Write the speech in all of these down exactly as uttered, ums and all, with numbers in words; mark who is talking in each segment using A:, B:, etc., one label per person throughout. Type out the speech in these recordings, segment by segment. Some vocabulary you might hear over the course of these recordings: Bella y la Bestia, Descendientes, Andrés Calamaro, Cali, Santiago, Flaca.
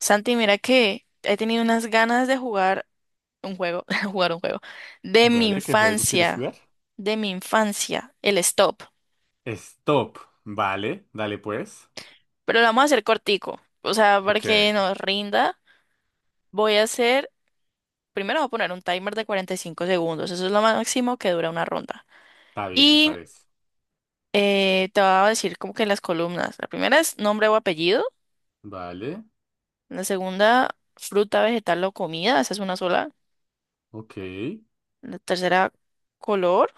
A: Santi, mira que he tenido unas ganas de jugar un juego, jugar un juego, de mi
B: Vale, ¿qué juego quieres
A: infancia,
B: jugar?
A: de mi infancia, el stop.
B: Stop. Vale, dale pues.
A: Pero lo vamos a hacer cortico, o sea, para que
B: Ok,
A: nos rinda, voy a hacer, primero voy a poner un timer de cuarenta y cinco segundos, eso es lo máximo que dura una ronda.
B: está bien, me
A: Y
B: parece.
A: eh, te voy a decir como que las columnas, la primera es nombre o apellido,
B: Vale,
A: la segunda fruta, vegetal o comida, esa es una sola,
B: ok,
A: la tercera color.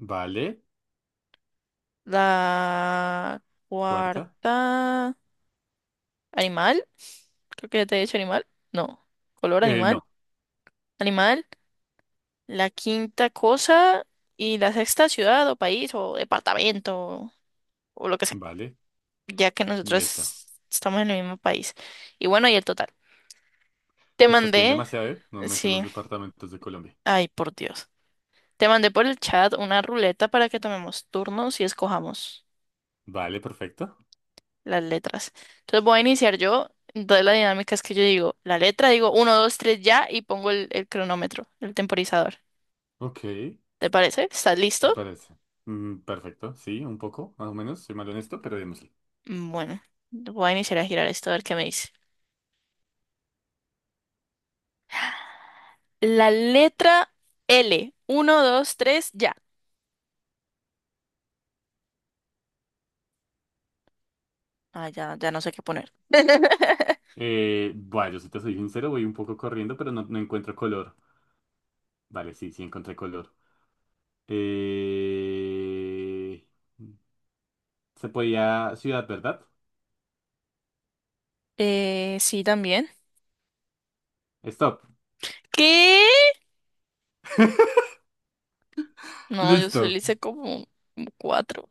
B: vale.
A: La
B: Cuarta.
A: cuarta, animal. Creo que ya te he dicho animal. No, color
B: Eh,
A: animal.
B: no,
A: Animal. La quinta cosa. Y la sexta, ciudad o país o departamento o lo que sea,
B: vale.
A: ya que
B: Ahí está.
A: nosotros estamos en el mismo país. Y bueno, y el total. Te
B: Me estás pidiendo
A: mandé,
B: demasiado, ¿eh? No me sé
A: sí,
B: los departamentos de Colombia.
A: ay, por Dios. Te mandé por el chat una ruleta para que tomemos turnos y escojamos
B: Vale, perfecto.
A: las letras. Entonces voy a iniciar yo. Entonces la dinámica es que yo digo la letra, digo uno dos tres ya y pongo el, el cronómetro, el temporizador.
B: Ok, me
A: ¿Te parece? ¿Estás listo?
B: parece. Mm, perfecto, sí, un poco, más o menos. Soy malo en esto, pero démosle.
A: Bueno, voy a iniciar a girar esto a ver qué me dice. La letra L. Uno dos tres ya. Ah, ya, ya no sé qué poner.
B: Eh, bueno, yo si te soy sincero, voy un poco corriendo, pero no, no encuentro color. Vale, sí, sí encontré color. Eh... Se podía ciudad, ¿verdad?
A: Eh, sí, también.
B: Stop.
A: ¿Qué? No, yo solo
B: Listo.
A: hice como como cuatro.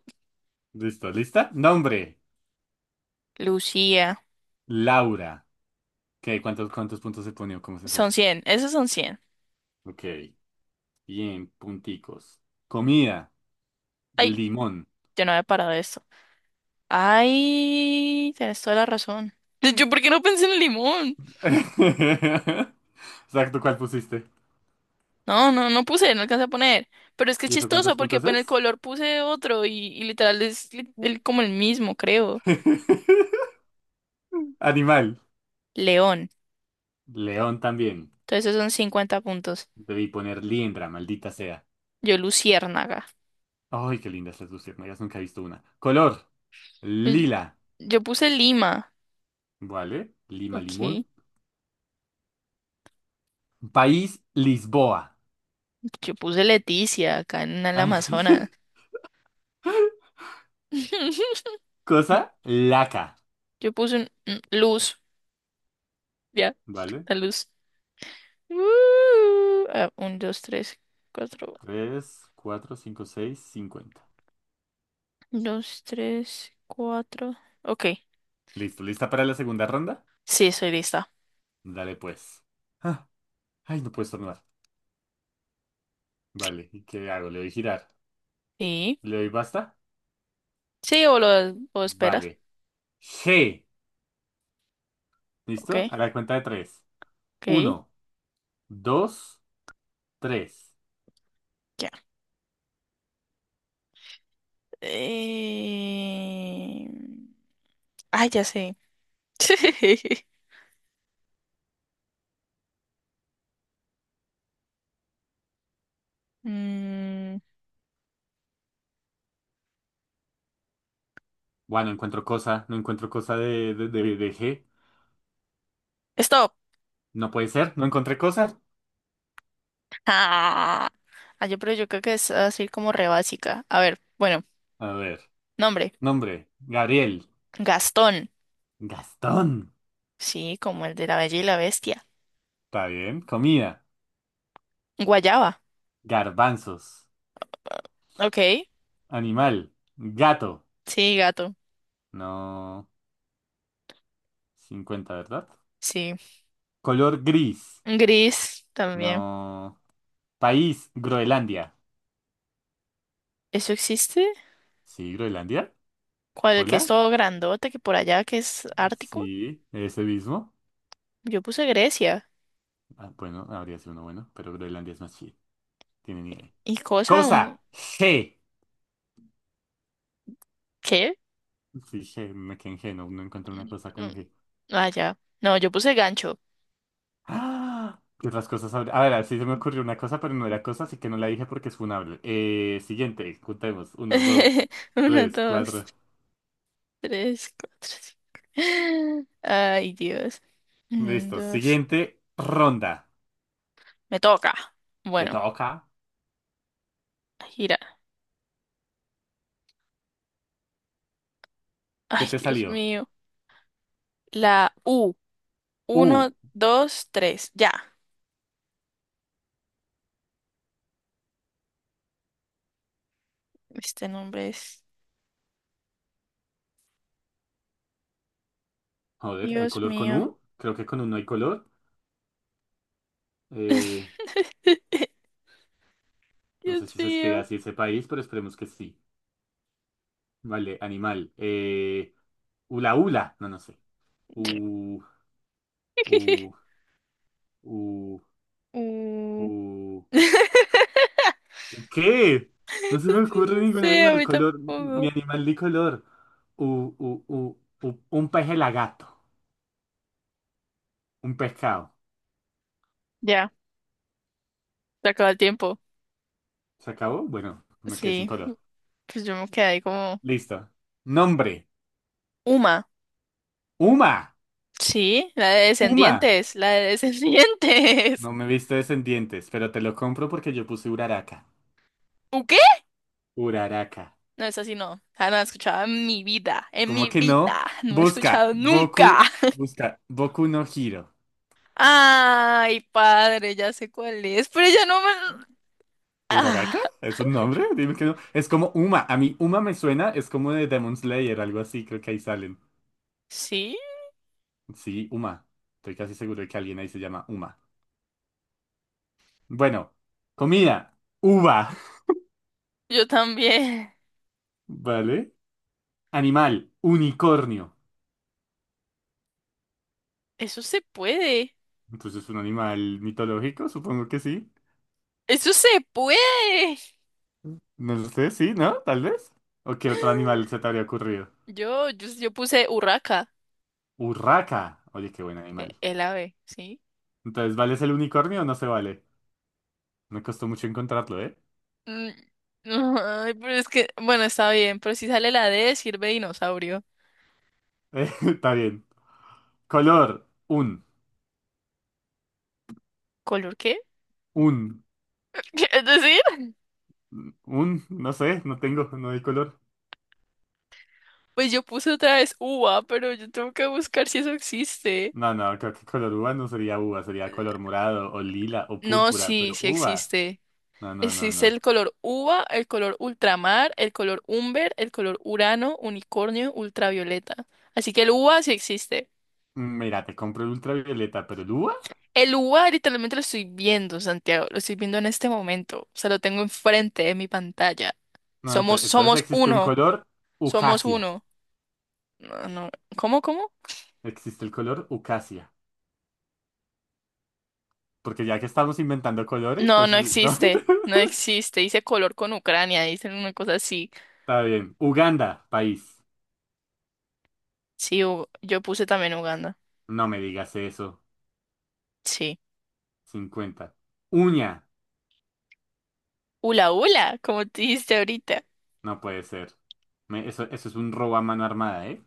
B: Listo. ¿Lista? Nombre.
A: Lucía.
B: Laura. ¿Qué? ¿Cuántos, cuántos puntos se pone, cómo se hace
A: Son
B: eso?
A: cien. Esos son cien.
B: Ok. Bien, punticos. Comida.
A: Ay,
B: Limón.
A: yo no había parado esto. Ay, tienes toda la razón. Yo, ¿por qué no pensé en el limón?
B: Exacto, ¿cuál pusiste?
A: No, no, no puse, no alcancé a poner. Pero es que es
B: ¿Y eso cuántos
A: chistoso porque
B: puntos
A: pues, en el
B: es?
A: color puse otro y, y literal es li- el- como el mismo, creo.
B: Animal.
A: León.
B: León también.
A: Entonces esos son cincuenta puntos.
B: Debí poner liendra, maldita sea.
A: Yo, luciérnaga.
B: Ay, qué lindas las luciérnagas, nunca he visto una. Color.
A: L-
B: Lila.
A: Yo puse Lima.
B: Vale. Lima limón.
A: Ok.
B: País, Lisboa.
A: Yo puse Leticia acá en el Amazonas.
B: Cosa,
A: Y
B: laca.
A: Yo puse un- un- luz. Ya,
B: ¿Vale?
A: la luz. Uh, ah, un, dos, tres, cuatro.
B: Tres, cuatro, cinco, seis, cincuenta.
A: Dos, tres, cuatro. Ok.
B: Listo, ¿lista para la segunda ronda?
A: Sí, estoy lista.
B: Dale pues. Ah, ay, no puedes tornar. Vale, ¿y qué hago? ¿Le doy girar?
A: Sí.
B: ¿Le doy basta?
A: Sí, o lo, o esperas.
B: Vale. G. ¿Listo?
A: Ok.
B: A la cuenta de tres.
A: Ok.
B: Uno, dos, tres.
A: Ya. Eh... Ay, ya sé. Mm,
B: Bueno, no encuentro cosa. No encuentro cosa de, de, de, de G.
A: Stop.
B: No puede ser. No encontré cosa.
A: Ah, Ah, yo, pero yo creo que es así como re básica. A ver, bueno,
B: A ver.
A: nombre.
B: Nombre. Gabriel.
A: Gastón.
B: Gastón.
A: Sí, como el de la Bella y la Bestia.
B: Está bien. Comida.
A: Guayaba.
B: Garbanzos.
A: Ok.
B: Animal. Gato.
A: Sí, gato.
B: No. Cincuenta, ¿verdad?
A: Sí.
B: Color, gris.
A: Gris también.
B: No. País. Groenlandia.
A: ¿Eso existe?
B: Sí, Groenlandia.
A: ¿Cuál el que es
B: Hola.
A: todo grandote, que por allá que es ártico?
B: Sí, ese mismo.
A: Yo puse Grecia.
B: Ah, bueno, habría sido uno bueno, pero Groenlandia es más chido. Tiene nieve.
A: ¿Y cosa un
B: Cosa. G.
A: qué?
B: Sí, G. Me quedé en G. No, no encuentro una cosa
A: Mm,
B: con G.
A: Ah, ya. No, yo puse gancho.
B: ¡Ah! ¿Qué otras cosas habría? A ver, sí se me ocurrió una cosa, pero no era cosa, así que no la dije porque es funable. Eh, siguiente, contemos. Uno, dos,
A: Uno,
B: tres,
A: dos,
B: cuatro.
A: tres, cuatro, cinco. Ay, Dios. Un,
B: Listo.
A: dos.
B: Siguiente ronda.
A: Me toca.
B: Te
A: Bueno,
B: toca.
A: gira. Ay,
B: ¿Qué te
A: Dios
B: salió?
A: mío. La U.
B: U.
A: Uno, dos, tres. Ya. Este nombre es.
B: Joder, ¿hay
A: Dios
B: color con
A: mío.
B: U? Creo que con U no hay color. Eh, no
A: Dios
B: sé si se escribe
A: mío.
B: así ese país, pero esperemos que sí. Vale, animal. Eh, ula ula. No, no sé. U, U, U,
A: U.
B: U. ¿Qué? No se me ocurre
A: No
B: ningún
A: sé, a
B: animal
A: mí
B: color, ni
A: tampoco.
B: animal de color. U, u- u- u- un pez gato. Un pescado.
A: Ya, se acaba el tiempo.
B: ¿Se acabó? Bueno, me quedé sin
A: Sí,
B: color.
A: pues yo me quedé ahí como...
B: Listo. Nombre.
A: Uma.
B: Uma.
A: Sí, la de
B: Uma.
A: Descendientes, la de Descendientes.
B: No me he visto descendientes, pero te lo compro porque yo puse Uraraka.
A: ¿U qué?
B: Uraraka.
A: No, es así, no. Ah, no la he escuchado en mi vida, en mi
B: ¿Cómo que no?
A: vida. No he
B: Busca.
A: escuchado nunca.
B: Boku. Busca. Boku no Hiro.
A: Ay, padre, ya sé cuál es, pero ya no me...
B: ¿Uraraka?
A: Ah,
B: ¿Es un nombre? Dime que no. Es como Uma. A mí Uma me suena, es como de Demon Slayer, algo así, creo que ahí salen.
A: sí,
B: Sí, Uma. Estoy casi seguro de que alguien ahí se llama Uma. Bueno, comida, uva,
A: yo también.
B: ¿vale? Animal, unicornio.
A: Eso se puede.
B: Entonces, ¿un animal mitológico? Supongo que sí.
A: Eso se puede.
B: No lo sé, sí, ¿no? Tal vez. ¿O qué otro animal se te habría ocurrido?
A: Yo, yo, yo puse Urraca.
B: Urraca. Oye, qué buen
A: E-
B: animal.
A: El ave, ¿sí?
B: Entonces, ¿vale es el unicornio o no se vale? Me costó mucho encontrarlo, ¿eh?
A: Mm, no, ay, pero es que, bueno, está bien, pero si sale la D, sirve dinosaurio.
B: Eh, Está bien. Color, un,
A: ¿Color qué?
B: un,
A: Es decir,
B: un, no sé, no tengo, no hay color.
A: pues yo puse otra vez uva, pero yo tengo que buscar si eso existe.
B: No, no, creo que color uva no sería uva, sería color morado o lila o
A: No,
B: púrpura,
A: sí,
B: pero
A: sí
B: uva.
A: existe.
B: No, no, no,
A: Existe el
B: no.
A: color uva, el color ultramar, el color umber, el color urano, unicornio, ultravioleta. Así que el uva sí existe.
B: Mm, Mira, te compro el ultravioleta, pero el uva.
A: El lugar literalmente lo estoy viendo, Santiago, lo estoy viendo en este momento, o sea, lo tengo enfrente de mi pantalla.
B: No, ento-
A: Somos,
B: entonces
A: somos
B: existe un
A: uno,
B: color
A: somos
B: ucasia.
A: uno. No, no, ¿cómo, cómo?
B: Existe el color ucasia. Porque ya que estamos inventando colores,
A: No,
B: pues
A: no
B: sí, no.
A: existe, no existe. Dice color con Ucrania, dice una cosa así.
B: Está bien. Uganda, país.
A: Sí, Ug- yo puse también Uganda.
B: No me digas eso.
A: Sí.
B: Cincuenta. Uña.
A: Ula, ula, como te dijiste ahorita.
B: No puede ser. Me- eso, eso es un robo a mano armada, ¿eh?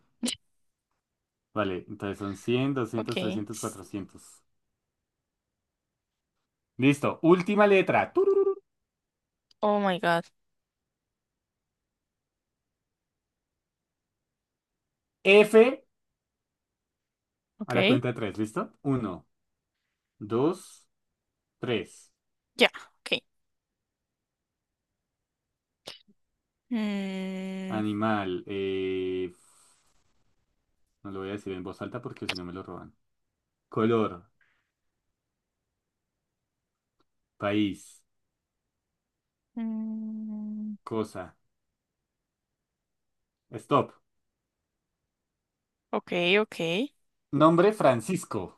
B: Vale, entonces son cien doscientos
A: Okay.
B: trescientos cuatrocientos Listo. Última letra. Tururú.
A: Oh my God.
B: F, a la
A: Okay.
B: cuenta de tres. ¿Listo? Uno, dos, tres.
A: Ya, okay. Mm,
B: Animal. Eh, no lo voy a decir en voz alta porque si no me lo roban. Color. País.
A: mm,
B: Cosa. Stop.
A: ok, ok.
B: Nombre, Francisco.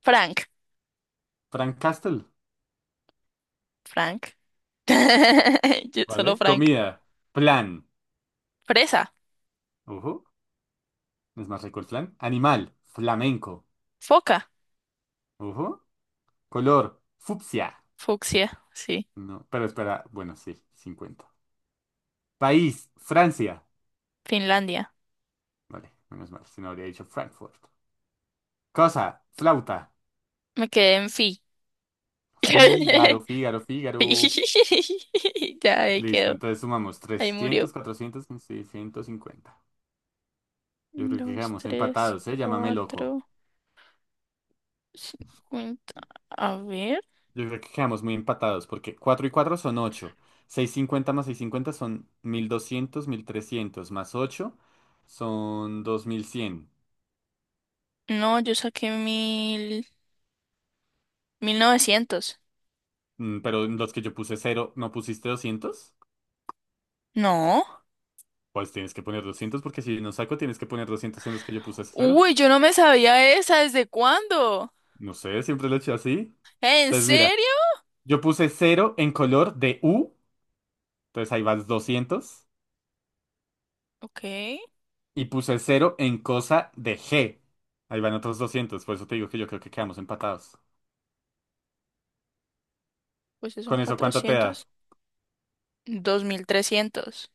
A: Frank.
B: Frank Castle.
A: Frank. Yo- Solo
B: ¿Vale?
A: Frank.
B: Comida. Plan.
A: Fresa.
B: Ojo. No es más rico el flan. Animal. Flamenco.
A: Foca.
B: Ojo. Color. Fucsia.
A: Fucsia. Sí.
B: No. Pero espera. Bueno, sí. Cincuenta. País. Francia.
A: Finlandia.
B: Vale, menos mal, si no habría dicho Frankfurt. Cosa, flauta.
A: Me quedé en fi.
B: Fígaro, Fígaro,
A: Fi.
B: Fígaro.
A: Ya ahí
B: Listo,
A: quedó.
B: entonces sumamos
A: Ahí murió.
B: trescientos, cuatrocientos, seiscientos cincuenta. Yo creo que
A: Dos,
B: quedamos
A: tres,
B: empatados, ¿eh? Llámame loco.
A: cuatro, cincuenta. A ver.
B: Yo creo que quedamos muy empatados porque cuatro y cuatro son ocho. Cincuenta más seiscientos cincuenta son mil doscientos, mil trescientos más ocho son dos mil cien.
A: No, yo saqué mil. Mil novecientos.
B: Mm, Pero en los que yo puse cero, ¿no pusiste doscientos?
A: No.
B: Pues tienes que poner doscientos, porque si no saco tienes que poner doscientos en los que yo puse cero.
A: Uy, yo no me sabía esa. ¿Desde cuándo?
B: No sé, siempre lo he hecho así.
A: ¿En
B: Entonces, mira,
A: serio?
B: yo puse cero en color de U, entonces ahí vas doscientos,
A: Ok.
B: y puse cero en cosa de G, ahí van otros doscientos, por eso te digo que yo creo que quedamos empatados.
A: Pues son
B: ¿Con eso cuánto te da?
A: cuatrocientos. Dos mil trescientos.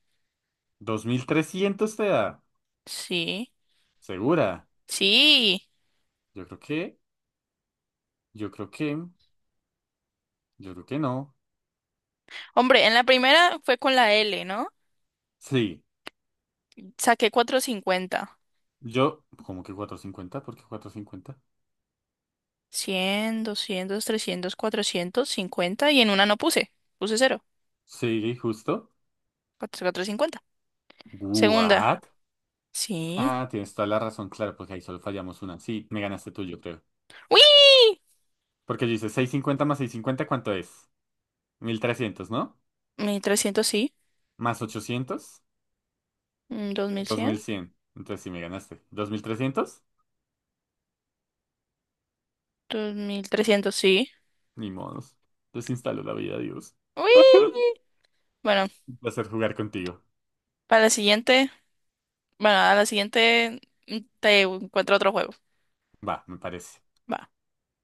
B: Dos mil trescientos te da.
A: Sí,
B: ¿Segura?
A: sí.
B: Yo creo que, yo creo que, yo creo que no.
A: Hombre, en la primera fue con la L, ¿no?
B: Sí,
A: Saqué cuatrocientos cincuenta,
B: yo, ¿cómo que cuatrocientos cincuenta? ¿Por qué cuatrocientos cincuenta?
A: cien, doscientos, trescientos, cuatrocientos, cincuenta y en una no puse. Puse cero.
B: Sí, justo.
A: Cuatrocientos cincuenta. Segunda.
B: ¿What?
A: Sí.
B: Ah, tienes toda la razón, claro, porque ahí solo fallamos una. Sí, me ganaste tú, yo creo.
A: ¡Uy!
B: Porque dice seiscientos cincuenta más seiscientos cincuenta, ¿cuánto es? Mil trescientos, ¿no?
A: Mil trescientos sí.
B: Más ochocientos,
A: Mm, dos mil
B: dos
A: cien.
B: mil cien. Entonces sí me ganaste. Dos mil trescientos.
A: Dos mil trescientos sí.
B: Ni modos. Desinstalo la vida, Dios.
A: ¡Uy! Bueno,
B: Un placer jugar contigo.
A: para la siguiente, bueno, a la siguiente mm, te encuentro otro juego.
B: Va, me parece.
A: Va.